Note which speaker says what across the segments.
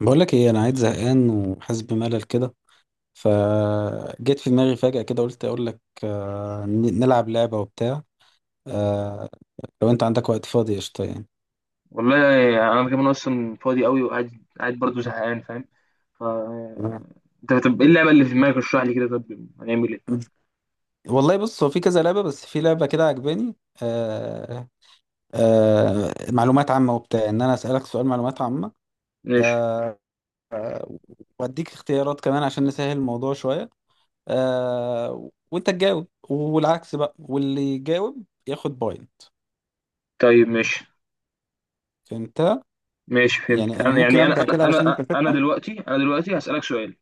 Speaker 1: بقول لك ايه، انا قاعد زهقان وحاسس بملل كده. فجيت في دماغي فجأة كده، قلت اقول لك نلعب لعبة وبتاع. آه، لو انت عندك وقت فاضي، قشطة يعني.
Speaker 2: والله انا كمان اصلا فاضي قوي وقاعد قاعد برضه زهقان فاهم؟ ف
Speaker 1: نعم.
Speaker 2: انت طب ايه اللعبه اللي في دماغك؟ اشرح لي كده، طب هنعمل ايه؟
Speaker 1: والله بص، هو في كذا لعبة، بس في لعبة كده عجباني. آه، معلومات عامة وبتاع، ان انا اسألك سؤال معلومات عامة.
Speaker 2: ماشي.
Speaker 1: آه، آه، واديك اختيارات كمان عشان نسهل الموضوع شوية. وانت تجاوب، والعكس بقى، واللي يجاوب ياخد بوينت.
Speaker 2: طيب، ماشي.
Speaker 1: فهمت؟
Speaker 2: ماشي فهمت.
Speaker 1: يعني انا
Speaker 2: انا
Speaker 1: ممكن ابدا كده علشان انت تفهم.
Speaker 2: دلوقتي هسألك سؤال.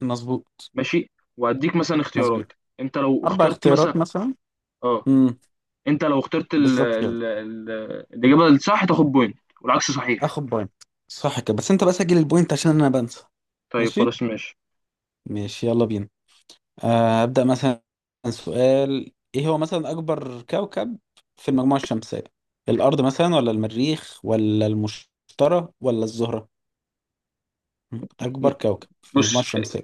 Speaker 1: مظبوط.
Speaker 2: ماشي. وهديك مثلا
Speaker 1: مظبوط.
Speaker 2: اختيارات. انت لو
Speaker 1: اربع
Speaker 2: اخترت
Speaker 1: اختيارات
Speaker 2: مثلا
Speaker 1: مثلا.
Speaker 2: اه
Speaker 1: امم.
Speaker 2: انت لو اخترت
Speaker 1: بالظبط كده.
Speaker 2: الاجابه الصح تاخد بوينت، والعكس صحيح.
Speaker 1: اخد بوينت. صح كده، بس انت بقى سجل البوينت عشان انا بنسى.
Speaker 2: طيب
Speaker 1: ماشي.
Speaker 2: خلاص، ماشي.
Speaker 1: ماشي يلا بينا. ابدا مثلا. سؤال، ايه هو مثلا اكبر كوكب في المجموعه الشمسيه؟ الارض مثلا، ولا المريخ، ولا المشتري، ولا الزهره؟ اكبر كوكب في المجموعه
Speaker 2: بص،
Speaker 1: الشمسيه.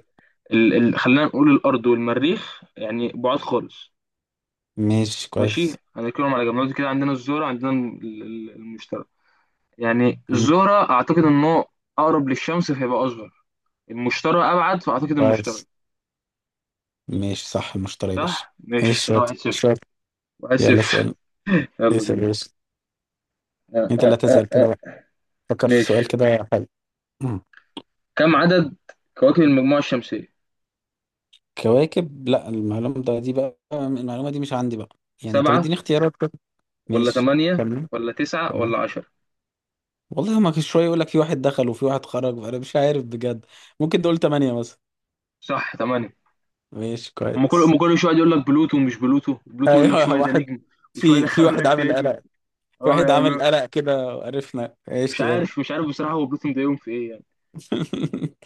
Speaker 2: خلينا نقول الارض والمريخ يعني بعاد خالص.
Speaker 1: ماشي
Speaker 2: ماشي،
Speaker 1: كويس.
Speaker 2: هنركنهم على جنب دلوقتي كده. عندنا الزهرة، عندنا المشتري. يعني
Speaker 1: مم،
Speaker 2: الزهرة أعتقد إنه أقرب للشمس فهيبقى أصغر. المشتري أبعد، فأعتقد المشتري.
Speaker 1: كويس. ماشي، صح، المشتري يا باشا.
Speaker 2: صح؟
Speaker 1: ماشي،
Speaker 2: ماشي كده،
Speaker 1: شاطر
Speaker 2: واحد صفر.
Speaker 1: شاطر.
Speaker 2: واحد
Speaker 1: يلا
Speaker 2: صفر.
Speaker 1: اسال.
Speaker 2: يلا
Speaker 1: اسأل يا
Speaker 2: بينا.
Speaker 1: يوسف.
Speaker 2: آه
Speaker 1: انت اللي
Speaker 2: آه آه
Speaker 1: هتسأل كده بقى.
Speaker 2: آه.
Speaker 1: فكر في سؤال
Speaker 2: ماشي.
Speaker 1: كده حلو. مم.
Speaker 2: كم عدد كواكب المجموعة الشمسية؟
Speaker 1: كواكب؟ لا، المعلومة ده، دي بقى المعلومة دي مش عندي بقى. يعني طب
Speaker 2: سبعة،
Speaker 1: اديني اختيارات كده.
Speaker 2: ولا
Speaker 1: ماشي.
Speaker 2: ثمانية،
Speaker 1: تمام.
Speaker 2: ولا تسعة،
Speaker 1: تمام.
Speaker 2: ولا عشرة؟
Speaker 1: والله هما كل شوية يقول لك في واحد دخل وفي واحد خرج، فأنا مش عارف بجد. ممكن تقول تمانية مثلا.
Speaker 2: صح، ثمانية.
Speaker 1: ماشي
Speaker 2: أما كل
Speaker 1: كويس.
Speaker 2: أما كل شوية يقول لك بلوتو ومش بلوتو، بلوتو يقول لك
Speaker 1: ايوه
Speaker 2: شوية ده
Speaker 1: واحد.
Speaker 2: نجم. وشوية
Speaker 1: في
Speaker 2: يدخلوا
Speaker 1: واحد
Speaker 2: لك
Speaker 1: عامل
Speaker 2: تاني.
Speaker 1: قلق. في
Speaker 2: أه
Speaker 1: واحد عامل
Speaker 2: يعني.
Speaker 1: قلق كده، وعرفنا،
Speaker 2: مش
Speaker 1: ماشي يلا.
Speaker 2: عارف، مش عارف بصراحة. هو بلوتو مضايقهم في إيه يعني.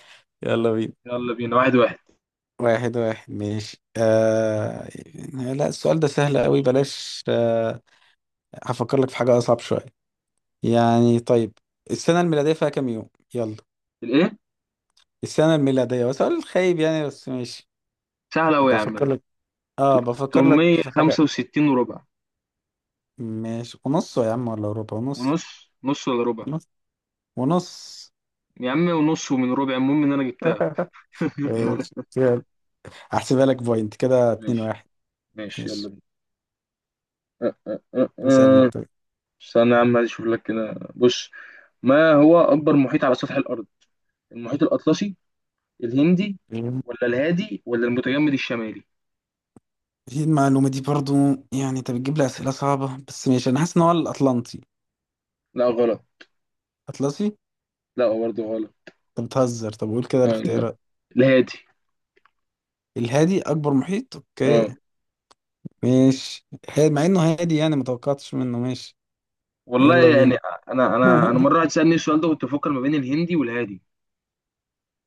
Speaker 1: يلا بينا
Speaker 2: يلا بينا، واحد واحد.
Speaker 1: واحد واحد. ماشي. لا، السؤال ده سهل قوي، بلاش. هفكر لك في حاجة أصعب شوية. يعني طيب، السنة الميلادية فيها كام يوم؟ يلا.
Speaker 2: الايه؟
Speaker 1: السنة الميلادية، وسؤال خايب يعني، بس ماشي.
Speaker 2: سهل أوي يا عم
Speaker 1: بفكر
Speaker 2: ده.
Speaker 1: لك. اه بفكر لك في حاجة.
Speaker 2: 365 وربع.
Speaker 1: ماشي، ونص يا عم، ولا ربع ونص.
Speaker 2: ونص، نص ولا ربع؟
Speaker 1: ونص. ونص.
Speaker 2: يا عم ونص، ومن ربع المهم ان انا جبتها.
Speaker 1: ماشي يلا. هحسبها لك بوينت كده، اتنين
Speaker 2: ماشي.
Speaker 1: واحد.
Speaker 2: ماشي يلا
Speaker 1: ماشي.
Speaker 2: بينا. أه، أه، أه،
Speaker 1: اسأل
Speaker 2: أه.
Speaker 1: انت.
Speaker 2: استنى يا عم، عايز اشوف لك كده. بص. ما هو اكبر محيط على سطح الارض؟ المحيط الاطلسي، الهندي، ولا الهادي، ولا المتجمد الشمالي؟
Speaker 1: هي المعلومة دي برضو، يعني انت بتجيب لي أسئلة صعبة، بس ماشي، أنا حاسس إن هو الأطلنطي.
Speaker 2: لا غلط.
Speaker 1: أطلسي؟
Speaker 2: لا برضه غلط.
Speaker 1: أنت بتهزر، طب قول كده
Speaker 2: آه لا،
Speaker 1: الاختيارات.
Speaker 2: الهادي.
Speaker 1: الهادي أكبر محيط،
Speaker 2: اه.
Speaker 1: أوكي. ماشي، مع انه هادي يعني، ما توقعتش منه، ماشي.
Speaker 2: والله
Speaker 1: يلا
Speaker 2: يعني،
Speaker 1: بينا.
Speaker 2: انا مره واحد سالني السؤال ده، كنت بفكر ما بين الهندي والهادي.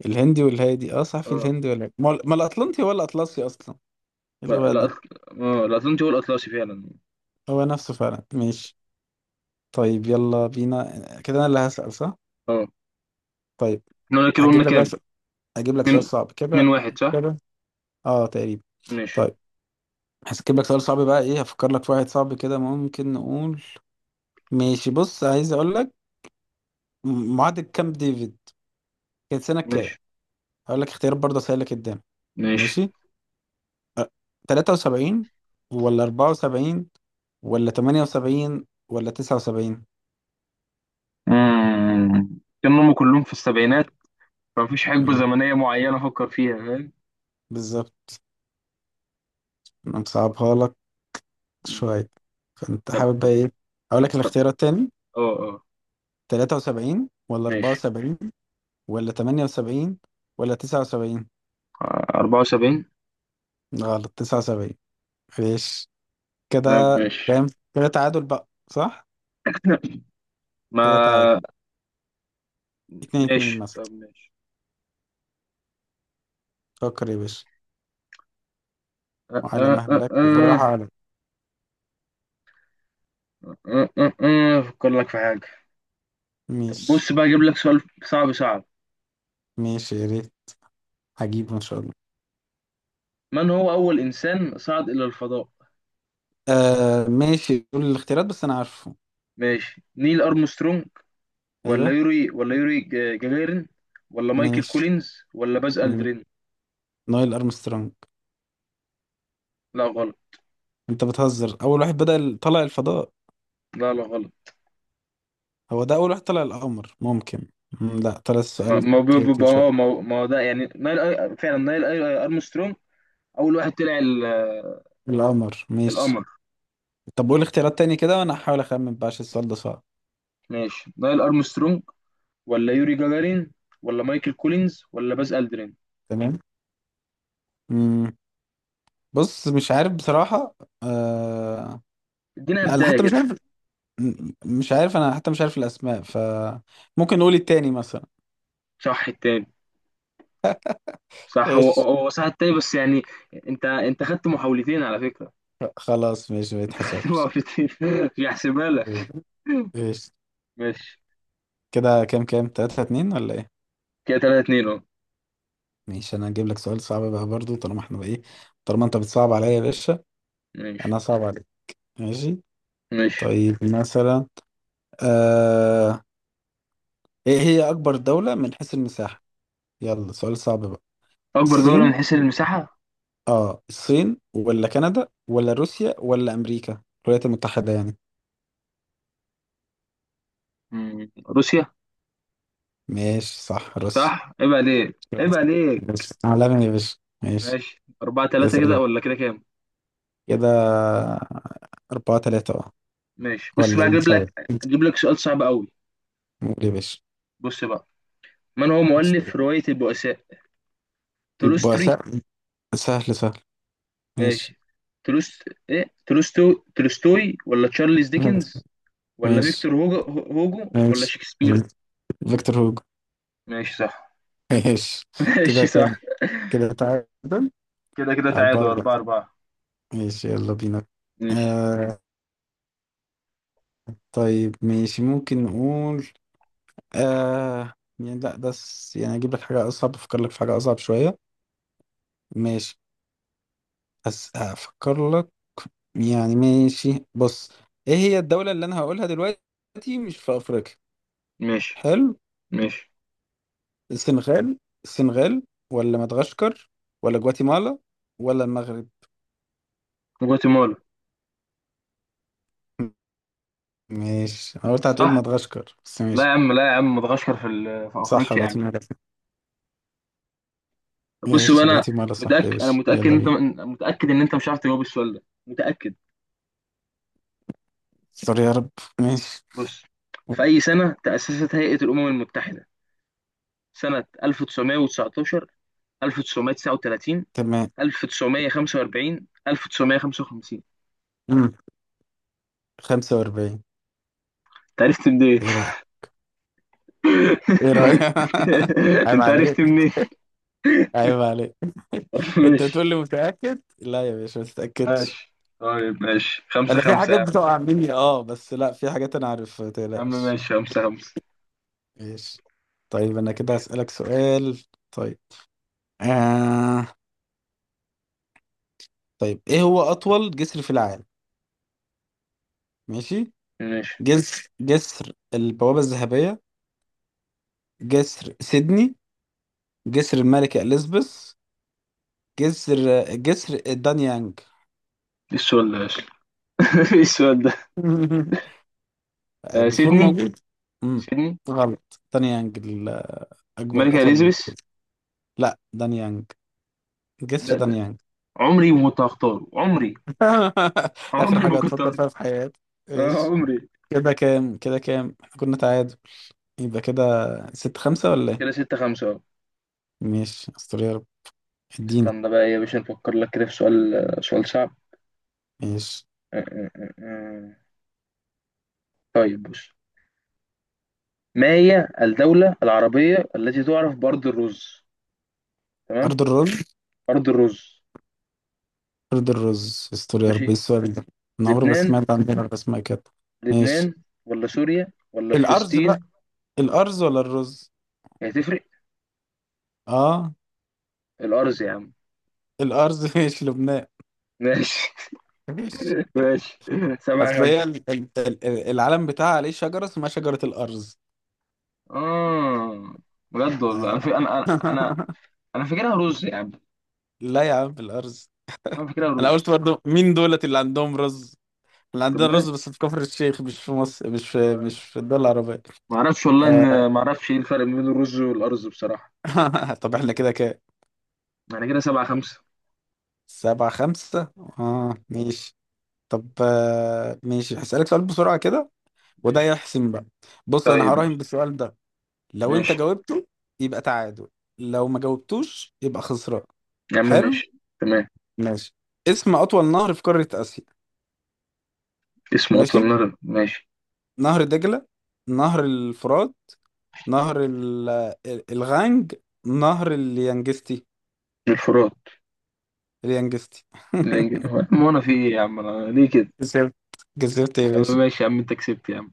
Speaker 1: الهندي والهادي، اه صح، في
Speaker 2: اه
Speaker 1: الهندي، ولا ما ما الاطلنطي هو الاطلسي اصلا. إيه
Speaker 2: لا
Speaker 1: الغباء
Speaker 2: لا
Speaker 1: ده.
Speaker 2: أصل... اه لا، أظن هو الأطلسي فعلا.
Speaker 1: هو نفسه فعلا، ماشي. طيب يلا بينا. كده انا اللي هسأل، صح؟
Speaker 2: اه.
Speaker 1: طيب.
Speaker 2: احنا قلنا كده، قلنا
Speaker 1: هجيب لك بقى
Speaker 2: كام؟
Speaker 1: س- هجيب لك سؤال
Speaker 2: اتنين
Speaker 1: صعب
Speaker 2: اتنين
Speaker 1: كده.
Speaker 2: واحد، صح؟
Speaker 1: كده. اه تقريبا.
Speaker 2: ماشي.
Speaker 1: طيب هجيب لك سؤال صعب بقى، ايه، هفكر لك في واحد صعب كده، ممكن نقول. ماشي بص، عايز اقول لك، معاهدة كامب ديفيد كانت سنة كام؟
Speaker 2: ماشي.
Speaker 1: هقول لك اختيارات برضه سهلة قدام.
Speaker 2: ماشي.
Speaker 1: ماشي. تلاتة وسبعين، ولا أربعة وسبعين، ولا تمانية وسبعين، ولا تسعة وسبعين؟
Speaker 2: مم. كانوا هم كلهم في السبعينات، فمفيش حقبة
Speaker 1: مم.
Speaker 2: زمنية معينة أفكر فيها، فاهم؟
Speaker 1: بالظبط. أنا مصعبها لك
Speaker 2: مم.
Speaker 1: شوية. فأنت
Speaker 2: طب
Speaker 1: حابب بقى
Speaker 2: طب.
Speaker 1: إيه؟ أقول
Speaker 2: طب
Speaker 1: لك
Speaker 2: طب.
Speaker 1: الاختيارات تاني؟
Speaker 2: اه اه.
Speaker 1: تلاتة وسبعين، ولا أربعة
Speaker 2: ماشي،
Speaker 1: وسبعين، ولا تمانية وسبعين، ولا تسعة وسبعين؟
Speaker 2: أربعة وسبعين.
Speaker 1: غلط، تسعة وسبعين. ماشي. كده
Speaker 2: طب ماشي.
Speaker 1: كام؟ كده تعادل بقى، صح؟ كده تعادل،
Speaker 2: ما
Speaker 1: اتنين
Speaker 2: ماشي.
Speaker 1: اتنين مثلا.
Speaker 2: طب ماشي.
Speaker 1: فكر يا باشا
Speaker 2: أه
Speaker 1: وعلى
Speaker 2: أه أه
Speaker 1: مهلك بالراحة
Speaker 2: أه
Speaker 1: على
Speaker 2: أه أه أه. أفكر لك في حاجة. طب
Speaker 1: مش.
Speaker 2: بص بقى، أجيب لك سؤال صعب صعب.
Speaker 1: ماشي، يا ريت. هجيبه إن شاء الله.
Speaker 2: من هو أول إنسان صعد إلى الفضاء؟
Speaker 1: آه ماشي، قول الاختيارات بس، انا عارفه.
Speaker 2: ماشي. نيل أرمسترونج، ولا
Speaker 1: ايوه.
Speaker 2: يوري ولا يوري جاجارين، ولا مايكل
Speaker 1: ماشي،
Speaker 2: كولينز، ولا باز
Speaker 1: من،
Speaker 2: ألدرين؟
Speaker 1: نايل ارمسترونج.
Speaker 2: لا غلط.
Speaker 1: انت بتهزر، اول واحد بدأ طلع الفضاء.
Speaker 2: لا لا غلط.
Speaker 1: هو ده اول واحد طلع القمر ممكن. لا، طلع
Speaker 2: ما
Speaker 1: السؤال
Speaker 2: ما
Speaker 1: تريكي شويه.
Speaker 2: ما هو ده، يعني فعلا نايل أرمسترونج. أول واحد طلع
Speaker 1: القمر، ماشي.
Speaker 2: القمر.
Speaker 1: طب قول اختيارات تاني كده، وانا هحاول اخمن بقى عشان السؤال ده صعب.
Speaker 2: ماشي. نايل أرمسترونج، ولا يوري جاجارين، ولا مايكل كولينز، ولا باز ألدرين؟
Speaker 1: تمام. مم. بص، مش عارف بصراحة. آه...
Speaker 2: ادينا
Speaker 1: لا انا
Speaker 2: بداية
Speaker 1: حتى مش
Speaker 2: كده.
Speaker 1: عارف. م- مش عارف، انا حتى مش عارف الاسماء، ف ممكن نقول التاني مثلا.
Speaker 2: صح، التاني. صح، هو
Speaker 1: ايش؟
Speaker 2: هو هو صح التاني، بس يعني... انت خدت محاولتين على فكرة.
Speaker 1: خلاص ماشي، ما يتحسبش.
Speaker 2: محاولتين. مش هحسبها لك.
Speaker 1: ايش؟
Speaker 2: ماشي
Speaker 1: كده كام؟ تلاتة اتنين، ولا ايه؟
Speaker 2: كده، 3-2. اه
Speaker 1: ماشي. انا هجيب لك سؤال صعب بقى برضو، طالما احنا بقى ايه، طالما انت بتصعب عليا يا باشا،
Speaker 2: ماشي.
Speaker 1: انا صعب عليك. ماشي.
Speaker 2: ماشي.
Speaker 1: طيب مثلا، آه... ايه هي اكبر دولة من حيث المساحة؟ يلا سؤال صعب بقى.
Speaker 2: اكبر دولة
Speaker 1: الصين؟
Speaker 2: من حيث المساحة؟
Speaker 1: اه، الصين، ولا كندا، ولا روسيا، ولا امريكا الولايات المتحدة يعني؟
Speaker 2: مم. روسيا.
Speaker 1: ماشي، صح، روسيا.
Speaker 2: صح، عيب عليك، عيب عليك.
Speaker 1: ماشي، عالمي يا باشا. ماشي.
Speaker 2: ماشي، 4-3 كده،
Speaker 1: اسأل.
Speaker 2: ولا كده كام؟
Speaker 1: كده أربعة تلاتة، اه.
Speaker 2: ماشي بص
Speaker 1: ولا
Speaker 2: بقى،
Speaker 1: ايه،
Speaker 2: اجيب
Speaker 1: مش عارف.
Speaker 2: لك اجيب لك سؤال صعب قوي.
Speaker 1: قول يا باشا.
Speaker 2: بص بقى، من هو مؤلف رواية البؤساء؟
Speaker 1: يبقى
Speaker 2: تولستوي.
Speaker 1: سهل. سهل سهل. ماشي.
Speaker 2: ماشي. تولست ايه تولستو تولستوي، ولا تشارلز ديكنز، ولا
Speaker 1: ماشي.
Speaker 2: فيكتور هوجو، ولا
Speaker 1: ماشي،
Speaker 2: شكسبير؟
Speaker 1: فيكتور هوجو.
Speaker 2: ماشي، صح.
Speaker 1: ماشي.
Speaker 2: ماشي،
Speaker 1: كده
Speaker 2: صح.
Speaker 1: كام؟ كده تعادل.
Speaker 2: كده
Speaker 1: على
Speaker 2: تعادل،
Speaker 1: البرجر.
Speaker 2: 4-4.
Speaker 1: ماشي يلا بينا.
Speaker 2: ماشي.
Speaker 1: آه. طيب ماشي، ممكن نقول، آه، يعني لا بس يعني اجيب لك حاجة اصعب، افكر لك في حاجة اصعب شوية. ماشي، بس هفكر لك، يعني ماشي بص، ايه هي الدولة اللي انا هقولها دلوقتي مش في افريقيا؟
Speaker 2: ماشي.
Speaker 1: حلو.
Speaker 2: ماشي.
Speaker 1: السنغال. السنغال، ولا مدغشقر، ولا جواتيمالا، ولا المغرب؟
Speaker 2: جواتيمالا
Speaker 1: ماشي، انا قلت هتقول
Speaker 2: صح.
Speaker 1: مدغشقر، بس
Speaker 2: لا يا
Speaker 1: ماشي.
Speaker 2: عم، لا يا عم، مدغشقر في
Speaker 1: صح،
Speaker 2: افريقيا يا عم.
Speaker 1: جواتيمالا.
Speaker 2: طب بص بقى،
Speaker 1: ماشي
Speaker 2: انا
Speaker 1: جواتيمالا
Speaker 2: متاكد،
Speaker 1: صح يا
Speaker 2: انا
Speaker 1: باشا،
Speaker 2: متاكد
Speaker 1: يلا
Speaker 2: انت
Speaker 1: بينا.
Speaker 2: متاكد ان انت مش عارف تجاوب السؤال ده، متاكد.
Speaker 1: سوري يا رب. ماشي.
Speaker 2: بص، في اي سنه تاسست هيئه الامم المتحده؟ سنه 1919، 1939،
Speaker 1: تمام.
Speaker 2: 1945، 1955؟
Speaker 1: مم. 45.
Speaker 2: انت عرفت منين؟
Speaker 1: ايه رأيك؟ ايه رأيك؟ عيب
Speaker 2: انت عرفت
Speaker 1: عليك،
Speaker 2: منين؟
Speaker 1: عيب عليك. انت
Speaker 2: ماشي.
Speaker 1: تقول لي متأكد، لا يا باشا، ما تتأكدش.
Speaker 2: ماشي. طيب ماشي، خمسة
Speaker 1: انا في
Speaker 2: خمسة يا
Speaker 1: حاجات
Speaker 2: عم.
Speaker 1: بتقع مني اه، بس لا، في حاجات انا عارف، ما
Speaker 2: يا عم
Speaker 1: تقلقش.
Speaker 2: ماشي، خمسة خمسة.
Speaker 1: ماشي. طيب انا كده هسألك سؤال. طيب. آه. طيب ايه هو اطول جسر في العالم؟ ماشي.
Speaker 2: ماشي.
Speaker 1: جسر، جسر البوابة الذهبية، جسر سيدني، جسر الملكة اليزابيث، جسر جسر دانيانج.
Speaker 2: ايه السؤال ده يا أخي؟ ايه السؤال ده؟ آه،
Speaker 1: جسور
Speaker 2: سيدني.
Speaker 1: موجود. امم.
Speaker 2: سيدني.
Speaker 1: غلط، دانيانج الاكبر.
Speaker 2: الملكة
Speaker 1: اطول.
Speaker 2: إليزابيث.
Speaker 1: لا، دانيانج، جسر
Speaker 2: ده
Speaker 1: دانيانج.
Speaker 2: عمري ما كنت هختاره، عمري.
Speaker 1: اخر
Speaker 2: عمري ما
Speaker 1: حاجة
Speaker 2: كنت
Speaker 1: هتفكر
Speaker 2: هختاره.
Speaker 1: فيها في حياتك.
Speaker 2: آه،
Speaker 1: ايش؟
Speaker 2: عمري.
Speaker 1: كده كام، احنا كنا تعادل، يبقى كده ست خمسة ولا ايه؟
Speaker 2: كده ستة خمسة أهو.
Speaker 1: ماشي استوري عربي. اديني.
Speaker 2: استنى بقى. إيه يا باشا، نفكر لك كده في سؤال، سؤال صعب.
Speaker 1: ماشي.
Speaker 2: آه، آه، آه، آه. طيب بص. ما هي الدولة العربية التي تعرف بأرض الرز؟ تمام.
Speaker 1: أرض الرز؟
Speaker 2: أرض الرز.
Speaker 1: أرض الرز؟ استوري عربي، إيه
Speaker 2: ماشي.
Speaker 1: السؤال ده! أنا عمري ما
Speaker 2: لبنان،
Speaker 1: سمعت عن بيلر اسمها كده. ماشي.
Speaker 2: لبنان. ولا سوريا، ولا
Speaker 1: الأرز
Speaker 2: فلسطين؟
Speaker 1: بقى، الأرز ولا الرز؟
Speaker 2: هتفرق؟
Speaker 1: اه.
Speaker 2: الأرز يا عم.
Speaker 1: الأرز. ماشي، لبنان.
Speaker 2: ماشي.
Speaker 1: ماشي.
Speaker 2: ماشي. سبعة
Speaker 1: أصل هي
Speaker 2: خمسة.
Speaker 1: العلم بتاعها عليه شجرة اسمها شجرة الأرز.
Speaker 2: اه بجد والله. انا
Speaker 1: آه.
Speaker 2: في انا انا انا أنا فاكرها رز يا عم.
Speaker 1: لا يا عم، الأرز.
Speaker 2: انا فاكرها
Speaker 1: أنا قلت
Speaker 2: رز.
Speaker 1: برضه، مين دولت اللي عندهم رز؟ اللي
Speaker 2: طب،
Speaker 1: عندنا
Speaker 2: ما
Speaker 1: رز بس في كفر الشيخ، مش في مصر، مش في الدول العربية.
Speaker 2: ما اعرفش والله
Speaker 1: آه.
Speaker 2: ان ما اعرفش ايه الفرق بين الرز والارز بصراحه.
Speaker 1: طب احنا كده كده
Speaker 2: يعني كده سبعة خمسة.
Speaker 1: سبعة خمسة، اه
Speaker 2: آه،
Speaker 1: ماشي. طب ماشي، هسألك سؤال بسرعة كده، وده
Speaker 2: ماشي.
Speaker 1: يحسم بقى. بص انا
Speaker 2: طيب
Speaker 1: هراهن
Speaker 2: ماشي.
Speaker 1: بالسؤال ده، لو انت
Speaker 2: ماشي
Speaker 1: جاوبته يبقى تعادل، لو ما جاوبتوش يبقى خسران.
Speaker 2: يا عم،
Speaker 1: حلو.
Speaker 2: ماشي. تمام.
Speaker 1: ماشي. اسم أطول نهر في قارة آسيا؟
Speaker 2: اسمه
Speaker 1: ماشي.
Speaker 2: اطول نهر. ماشي.
Speaker 1: نهر دجلة، نهر الفرات، نهر ال- الغانج، نهر اليانجستي.
Speaker 2: الفرات.
Speaker 1: اليانجستي.
Speaker 2: الانجليزي هو! ما انا في ايه يا عم، انا ليه كده؟
Speaker 1: كسبت. كسبت يا
Speaker 2: يا عم
Speaker 1: باشا.
Speaker 2: ماشي يا عم، انت كسبت يا عم.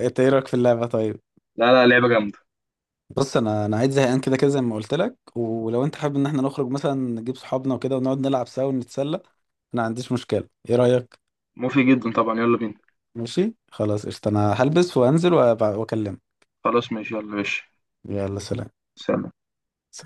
Speaker 1: انت ايه رأيك في اللعبة طيب؟
Speaker 2: لا لا، لعبه جامده.
Speaker 1: بص، انا قاعد زهقان كده كده زي ما قلت لك، ولو انت حابب ان احنا نخرج مثلا، نجيب صحابنا وكده ونقعد نلعب سوا ونتسلى، انا ما عنديش مشكله، ايه رايك؟
Speaker 2: مفيد جدا طبعا، يلا بينا.
Speaker 1: ماشي خلاص، قشطه. انا هلبس وانزل واكلمك.
Speaker 2: خلاص ماشي، يلا ماشي.
Speaker 1: يلا سلام.
Speaker 2: سلام.